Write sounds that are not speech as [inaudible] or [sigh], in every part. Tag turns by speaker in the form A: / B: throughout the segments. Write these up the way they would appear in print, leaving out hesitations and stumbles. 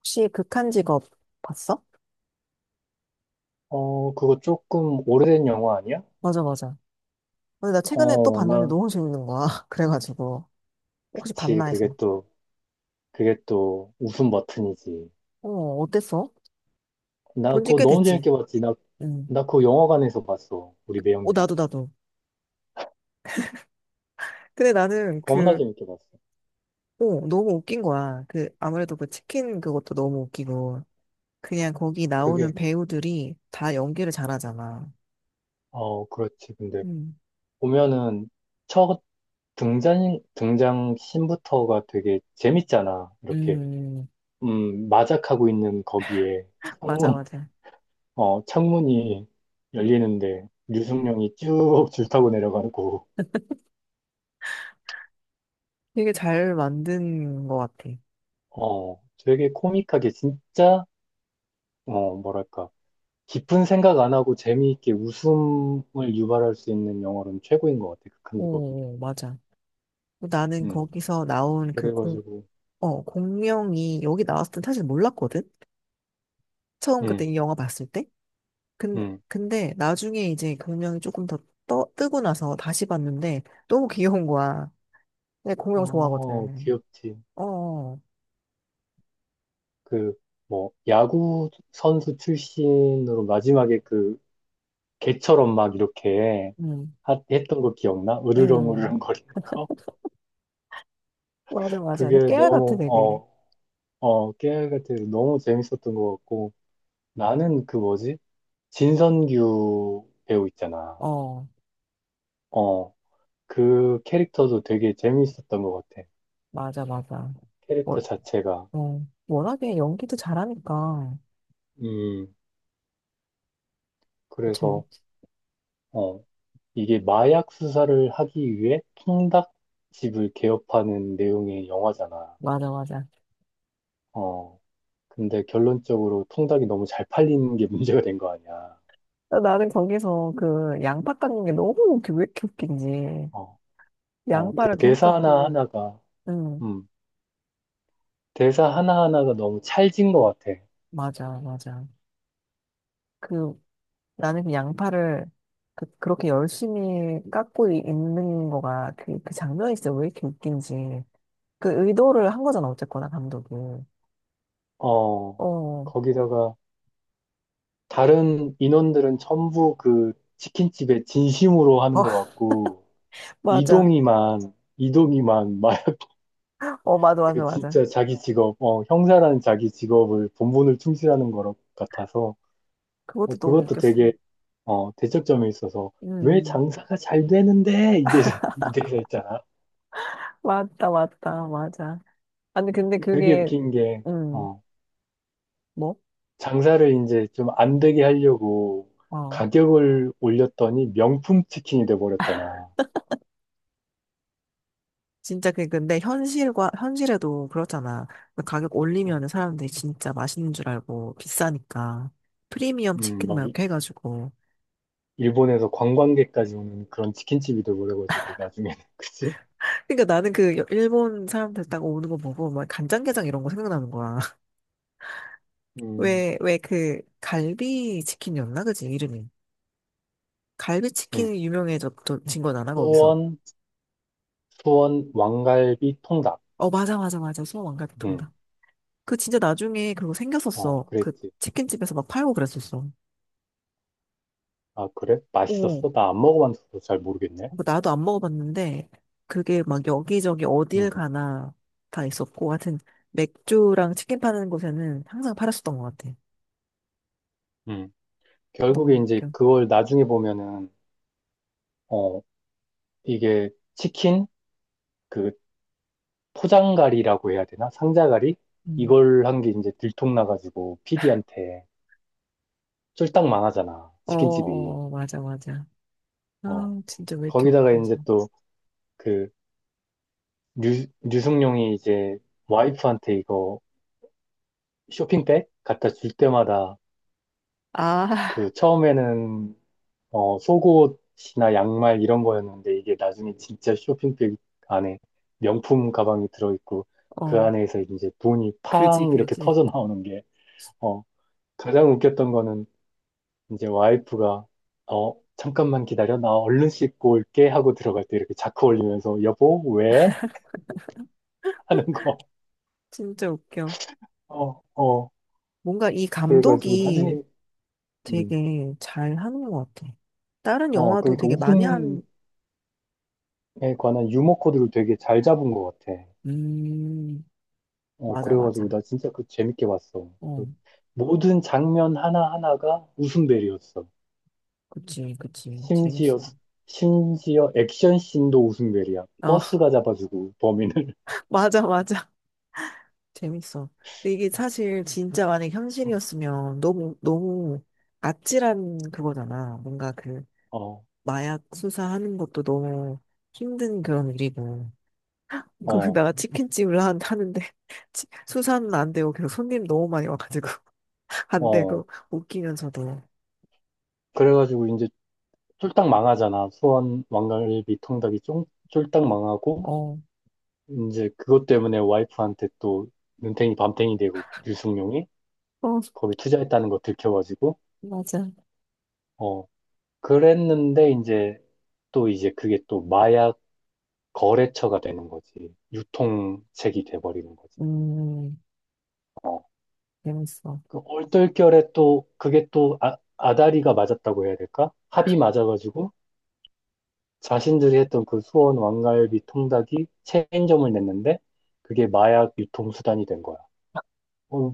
A: 혹시 극한 직업 봤어?
B: 어, 그거 조금 오래된 영화 아니야?
A: 맞아, 맞아. 근데 나 최근에 또
B: 어,
A: 봤는데
B: 나,
A: 너무 재밌는 거야. [laughs] 그래가지고. 혹시
B: 그치.
A: 봤나
B: 그게
A: 해서.
B: 또, 그게 또 웃음 버튼이지.
A: 어, 어땠어?
B: 나
A: 본지
B: 그거
A: 꽤
B: 너무
A: 됐지.
B: 재밌게 봤지. 나,
A: 응.
B: 나 그거 영화관에서 봤어. 우리
A: 어,
B: 매형이랑.
A: 나도, 나도. 근데 나는
B: 겁나 재밌게 봤어.
A: 너무 웃긴 거야. 아무래도 그 치킨 그것도 너무 웃기고. 그냥 거기 나오는
B: 그게,
A: 배우들이 다 연기를 잘하잖아.
B: 그렇지. 근데
A: 음,
B: 보면은 첫 등장 씬부터가 되게 재밌잖아. 이렇게,
A: 음,
B: 마작하고 있는 거기에
A: 맞아,
B: 창문,
A: 맞아.
B: 창문이 열리는데 류승룡이 쭉 [laughs] 줄 타고 내려가고.
A: 되게 잘 만든 것 같아.
B: 어, 되게 코믹하게 진짜, 뭐랄까, 깊은 생각 안 하고 재미있게 웃음을 유발할 수 있는 영화로는 최고인 것 같아, 극한 직업이.
A: 오, 맞아. 나는
B: 음,
A: 거기서 나온 그
B: 그래가지고,
A: 공명이 여기 나왔을 땐 사실 몰랐거든? 처음 그때
B: 음,
A: 이 영화 봤을 때? 근데,
B: 음,
A: 근데 나중에 이제 공명이 조금 더 뜨고 나서 다시 봤는데 너무 귀여운 거야. 내 공명
B: 어,
A: 좋아하거든.
B: 귀엽지.
A: 어,
B: 그, 뭐, 야구 선수 출신으로 마지막에 그, 개처럼 막 이렇게
A: 음,
B: 했던 거 기억나?
A: 음.
B: 으르렁으르렁 [laughs] 거리는 거?
A: 맞아, 맞아.
B: 그게
A: 그 깨알 같아,
B: 너무,
A: 되게.
B: 깨알 같아. 너무 재밌었던 것 같고, 나는 그 뭐지? 진선규 배우 있잖아.
A: 어,
B: 어, 그 캐릭터도 되게 재미있었던 것 같아.
A: 맞아, 맞아. 워,
B: 캐릭터 자체가.
A: 워낙에 연기도 잘하니까.
B: 음,
A: 참,
B: 그래서, 어, 이게 마약 수사를 하기 위해 통닭집을 개업하는 내용의 영화잖아.
A: 맞아, 맞아.
B: 어, 근데 결론적으로 통닭이 너무 잘 팔리는 게 [laughs] 문제가 된 거 아니야.
A: 어, 나는 거기서 그 양파 깎는 게 왜 이렇게 웃긴지.
B: 어, 그
A: 양파를 계속 깎고. 응.
B: 음, 대사 하나하나가 너무 찰진 것 같아.
A: 맞아, 맞아. 그, 나는 그 양파를 그렇게 열심히 깎고 있는 거가 그 장면이 진짜 왜 이렇게 웃긴지. 그 의도를 한 거잖아, 어쨌거나, 감독이.
B: 어,
A: 어, 어,
B: 거기다가, 다른 인원들은 전부 그 치킨집에 진심으로 하는 것
A: [laughs]
B: 같고,
A: 맞아.
B: 이동이만, 이동이만 막 [laughs]
A: 어, 맞아, 맞아,
B: 그
A: 맞아.
B: 진짜 자기 직업, 형사라는 자기 직업을 본분을 충실하는 것 같아서,
A: 그것도 너무
B: 그것도
A: 웃겼어.
B: 되게, 대척점에 있어서, 왜
A: 음.
B: 장사가 잘 되는데? 이래서 있잖아.
A: 맞다, 맞다, 맞아. 아니, 근데
B: 되게
A: 그게,
B: 웃긴 게,
A: 음,
B: 어,
A: 뭐?
B: 장사를 이제 좀 안 되게 하려고
A: 어.
B: 가격을 올렸더니 명품 치킨이 돼버렸잖아.
A: 진짜 근데 현실과 현실에도 그렇잖아. 그 가격
B: 어,
A: 올리면 사람들이 진짜 맛있는 줄 알고 비싸니까 프리미엄 치킨
B: 막
A: 막 이렇게 해가지고.
B: 일본에서 관광객까지 오는 그런 치킨집이 돼버려가지고 나중에는 [laughs] 그치?
A: 그러니까 나는 그 일본 사람들 딱 오는 거 보고 막 간장게장 이런 거 생각나는 거야. [laughs]
B: 음,
A: 왜 그 갈비 치킨이었나, 그지 이름이? 갈비
B: 음.
A: 치킨이 유명해졌진 거잖아 거기서.
B: 수원, 수원 왕갈비 통닭.
A: 어, 맞아, 맞아, 맞아, 소왕갈비
B: 음,
A: 통닭. 그 진짜 나중에 그거 생겼었어. 그
B: 그랬지.
A: 치킨집에서 막 팔고 그랬었어.
B: 아, 그래?
A: 어,
B: 맛있었어? 나 안 먹어봤어서 잘 모르겠네.
A: 뭐, 나도 안 먹어봤는데 그게 막 여기저기
B: 음,
A: 어딜 가나 다 있었고, 하여튼 맥주랑 치킨 파는 곳에는 항상 팔았었던 것 같아.
B: 음. 결국에
A: 너무
B: 이제
A: 웃겨.
B: 그걸 나중에 보면은 어, 이게 치킨 그 포장갈이라고 해야 되나? 상자갈이?
A: 음.
B: 이걸 한 게 이제 들통나가지고 피디한테 쫄딱 망하잖아.
A: 어,
B: 치킨집이.
A: 어, 어, 맞아, 맞아.
B: 어.
A: 아, 진짜 왜 이렇게
B: 거기다가
A: 웃기지?
B: 이제 또그 류승룡이 이제 와이프한테 이거 쇼핑백 갖다 줄 때마다
A: 아,
B: 그
A: [laughs]
B: 처음에는 속옷이나 양말 이런 거였는데 이게 나중에 진짜 쇼핑백 안에 명품 가방이 들어있고 그
A: 어,
B: 안에서 이제 돈이
A: 그지,
B: 팡 이렇게
A: 그지.
B: 터져 나오는 게 어, 가장 웃겼던 거는 이제 와이프가 잠깐만 기다려 나 얼른 씻고 올게 하고 들어갈 때 이렇게 자크 올리면서 여보 왜? 하는 거.
A: 진짜 웃겨.
B: [laughs] 어, 어.
A: 뭔가 이
B: 그래가지고
A: 감독이
B: 나중에 음,
A: 되게 잘 하는 것 같아. 다른 영화도
B: 그러니까
A: 되게 많이
B: 웃음에
A: 한,
B: 관한 유머 코드를 되게 잘 잡은 것 같아.
A: 음, 맞아, 맞아.
B: 그래가지고 나 진짜 그 재밌게 봤어.
A: 어,
B: 그 모든 장면 하나하나가 웃음벨이었어.
A: 그치, 그치.
B: 심지어,
A: 재밌어.
B: 심지어 액션 씬도 웃음벨이야.
A: 어,
B: 버스가 잡아주고 범인을.
A: [laughs] 맞아, 맞아. 재밌어. 근데 이게 사실 진짜 만약
B: [laughs]
A: 현실이었으면 너무, 너무 아찔한 그거잖아. 뭔가 그
B: 어,
A: 마약 수사하는 것도 너무 힘든 그런 일이고. 그,
B: 어,
A: 내가 치킨집을 하는데, [laughs] 수사는 안 되고, 계속 손님 너무 많이 와가지고, [laughs] 안
B: 어.
A: 되고, 웃기면서도.
B: 그래가지고 이제 쫄딱 망하잖아. 수원 왕갈비 통닭이 쫄딱 망하고,
A: 어,
B: 이제 그것 때문에 와이프한테 또 눈탱이 밤탱이 되고, 류승룡이
A: 어,
B: 거기 투자했다는 거 들켜가지고,
A: 맞아.
B: 어, 그랬는데 이제 또 이제 그게 또 마약 거래처가 되는 거지. 유통책이 돼버리는 거지.
A: 음,
B: 어,
A: 재밌어.
B: 그 얼떨결에 또 그게 또 아, 아다리가 맞았다고 해야 될까? 합이 맞아가지고 자신들이 했던 그 수원 왕갈비 통닭이 체인점을 냈는데 그게 마약 유통수단이 된 거야. 어,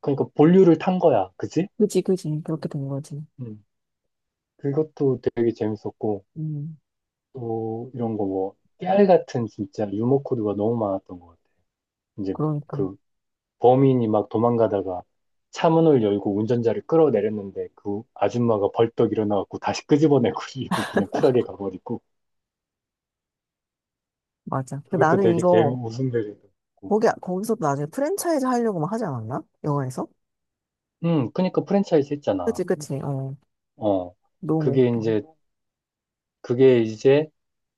B: 그러니까 본류를 탄 거야. 그지?
A: 그지, 그지. 그렇게 된 거지.
B: 음, 그것도 되게 재밌었고
A: 음,
B: 또 이런 거 뭐 깨알 같은 진짜 유머 코드가 너무 많았던 것 같아. 이제
A: 그러니까.
B: 그 범인이 막 도망가다가 차문을 열고 운전자를 끌어내렸는데 그 아줌마가 벌떡 일어나갖고 다시 끄집어내고 [laughs] 이고 그냥 쿨하게 가버리고
A: 맞아.
B: 그것도
A: 나는
B: 되게 재미
A: 이거,
B: 웃음 되고
A: 거기서 나중에 프랜차이즈 하려고 막 하지 않았나? 영화에서?
B: 그러니까 프랜차이즈
A: 그치,
B: 했잖아.
A: 그치. 어,
B: 어
A: 너무
B: 그게
A: 웃겨.
B: 이제 그게 이제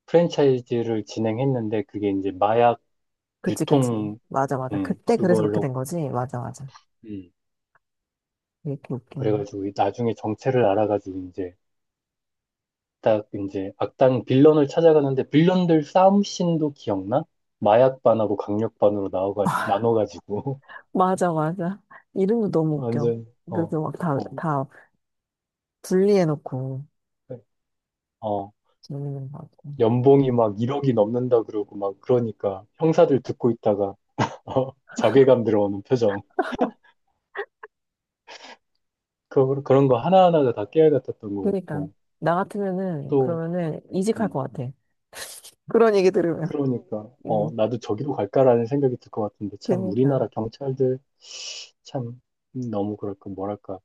B: 프랜차이즈를 진행했는데 그게 이제 마약
A: 그치, 그치.
B: 유통.
A: 맞아, 맞아. 그때 그래서 그렇게
B: 그걸로.
A: 된 거지? 맞아, 맞아.
B: 음.
A: 왜 이렇게 웃기네.
B: 그래가지고 나중에 정체를 알아가지고 이제 딱 이제 악당 빌런을 찾아가는데 빌런들 싸움씬도 기억나? 마약 반하고 강력 반으로 나눠가지고
A: 맞아, 맞아. 이름도
B: [laughs]
A: 너무 웃겨.
B: 완전
A: 그래서 막
B: 어,
A: 다 분리해놓고
B: 어,
A: 재밌는 것 같고.
B: 연봉이 막 1억이 넘는다 그러고 막 그러니까 형사들 듣고 있다가 [laughs] 자괴감 들어오는 표정. 그런 거 하나하나가 다 깨알 같았던 것
A: 그니까. 러
B: 같고
A: 나 같으면은,
B: 또.
A: 그러면은 이직할
B: 음,
A: 것 같아. 그런 얘기 들으면.
B: 그러니까
A: 응,
B: 나도 저기로 갈까라는 생각이 들 것 같은데 참
A: 그니까.
B: 우리나라 경찰들 참 너무 그럴까 뭐랄까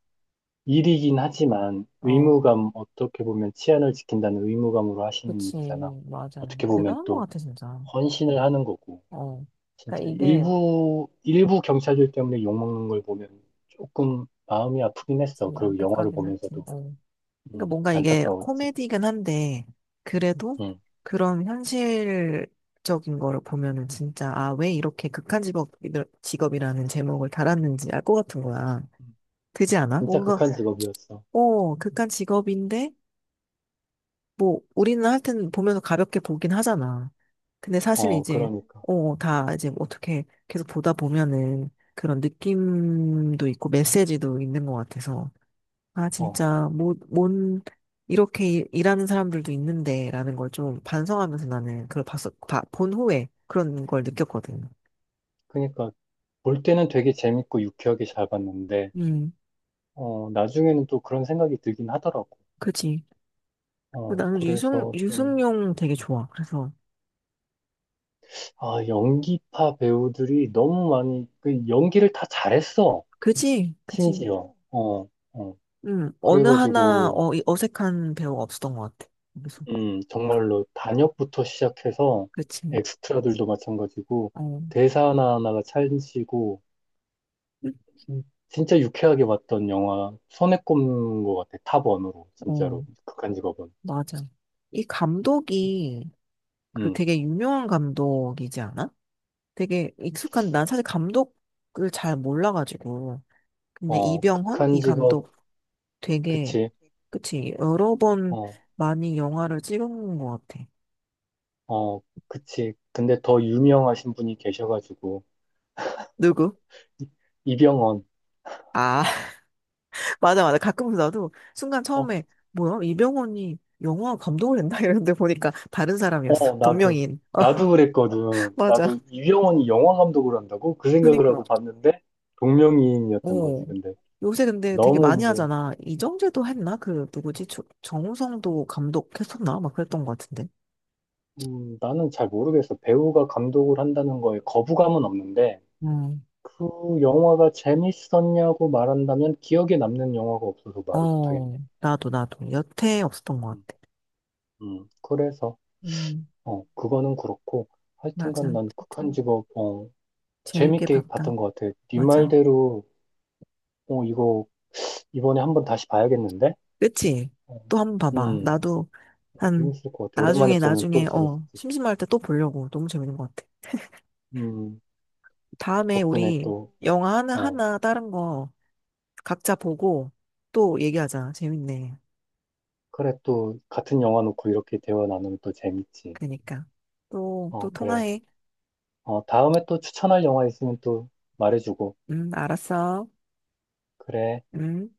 B: 일이긴 하지만
A: 어,
B: 의무감, 어떻게 보면 치안을 지킨다는 의무감으로 하시는
A: 그치.
B: 일이잖아.
A: 맞아.
B: 어떻게 보면
A: 대단한 것
B: 또
A: 같아, 진짜.
B: 헌신을 하는 거고.
A: 어. 그니까
B: 진짜
A: 이게,
B: 일부 경찰들 때문에 욕먹는 걸 보면 조금 마음이 아프긴 했어.
A: 진짜
B: 그리고 영화를
A: 안타깝긴 하지.
B: 보면서도.
A: 어. 그러니까 뭔가 이게
B: 안타까웠지.
A: 코미디긴 한데, 그래도
B: 음.
A: 그런 현실적인 거를 보면은 진짜, 아, 왜 이렇게 직업이라는 제목을 달았는지 알 것 같은 거야. 그지 않아?
B: 진짜
A: 뭔가,
B: 극한 직업이었어.
A: 어, 극한 직업인데, 뭐, 우리는 하여튼 보면서 가볍게 보긴 하잖아. 근데 사실
B: 어,
A: 이제,
B: 그러니까.
A: 어, 다 이제 어떻게 계속 보다 보면은 그런 느낌도 있고 메시지도 있는 것 같아서. 아,
B: 어,
A: 진짜, 뭐, 뭔, 이렇게 일하는 사람들도 있는데, 라는 걸 좀 반성하면서 나는 그걸 본 후에 그런 걸 느꼈거든.
B: 그러니까 볼 때는 되게 재밌고 유쾌하게 잘 봤는데,
A: 음,
B: 나중에는 또 그런 생각이 들긴 하더라고.
A: 그치. 그리고 나는
B: 그래서 좀
A: 유승용 되게 좋아. 그래서,
B: 아, 연기파 배우들이 너무 많이, 그 연기를 다 잘했어.
A: 그치, 그치.
B: 심지어. 어, 어.
A: 어느 하나
B: 그래가지고,
A: 어, 이 어색한 배우가 없었던 것 같아. 그래서,
B: 정말로 단역부터 시작해서
A: 그치.
B: 엑스트라들도 마찬가지고,
A: 어,
B: 대사 하나하나가 찰지고,
A: 음,
B: 음, 진짜 유쾌하게 봤던 영화, 손에 꼽는 것 같아. 탑원으로, 진짜로.
A: 어,
B: 극한 직업은.
A: 맞아. 이 감독이 그
B: 음,
A: 되게 유명한 감독이지 않아? 되게 익숙한, 난 사실 감독을 잘 몰라가지고. 근데 이병헌?
B: 극한
A: 이
B: 직업,
A: 감독 되게,
B: 그치.
A: 그치, 여러 번
B: 어,
A: 많이 영화를 찍은 것 같아.
B: 어, 그치. 근데 더 유명하신 분이 계셔가지고,
A: 누구?
B: 이- 이병헌.
A: 아, [laughs] 맞아, 맞아. 가끔 나도 순간
B: 어,
A: 처음에, 뭐야, 이병헌이 영화 감독을 했나? [laughs] 이랬는데 보니까 다른 사람이었어.
B: 어, 나도,
A: 동명이인. [laughs] 어,
B: 나도 그랬거든.
A: 맞아.
B: 나도 이병헌이 영화 감독을 한다고? 그 생각을
A: 그니까,
B: 하고 봤는데, 동명이인이었던
A: 어.
B: 거지. 근데
A: 요새 근데 되게
B: 너무
A: 많이
B: 이제,
A: 하잖아. 이정재도 했나? 그, 누구지? 정우성도 감독했었나? 막 그랬던 것 같은데.
B: 나는 잘 모르겠어. 배우가 감독을 한다는 거에 거부감은 없는데,
A: 음,
B: 그 영화가 재밌었냐고 말한다면 기억에 남는 영화가 없어서 말을 못하겠네.
A: 어, 나도, 나도. 여태 없었던 것
B: 음,
A: 같아.
B: 그래서,
A: 음,
B: 그거는 그렇고, 하여튼간
A: 맞아.
B: 난 극한직업,
A: 재밌게
B: 재밌게
A: 봤다.
B: 봤던 것 같아. 네
A: 맞아.
B: 말대로, 이거 이번에 한 번 다시 봐야겠는데?
A: 그치?
B: 어,
A: 또 한 번 봐봐.
B: 음,
A: 나도 한,
B: 재밌을 것 같아. 오랜만에
A: 나중에,
B: 보면 또
A: 나중에,
B: 재밌지.
A: 어, 심심할 때 또 보려고. 너무 재밌는 것 같아.
B: 음,
A: 다음에
B: 덕분에
A: 우리
B: 또,
A: 영화
B: 어,
A: 하나, 다른 거 각자 보고 또 얘기하자. 재밌네.
B: 그래, 또, 같은 영화 놓고 이렇게 대화 나누면 또 재밌지.
A: 그러니까. 또, 또
B: 어, 그래.
A: 통화해.
B: 다음에 또 추천할 영화 있으면 또 말해주고.
A: 음, 알았어.
B: 그래.
A: 음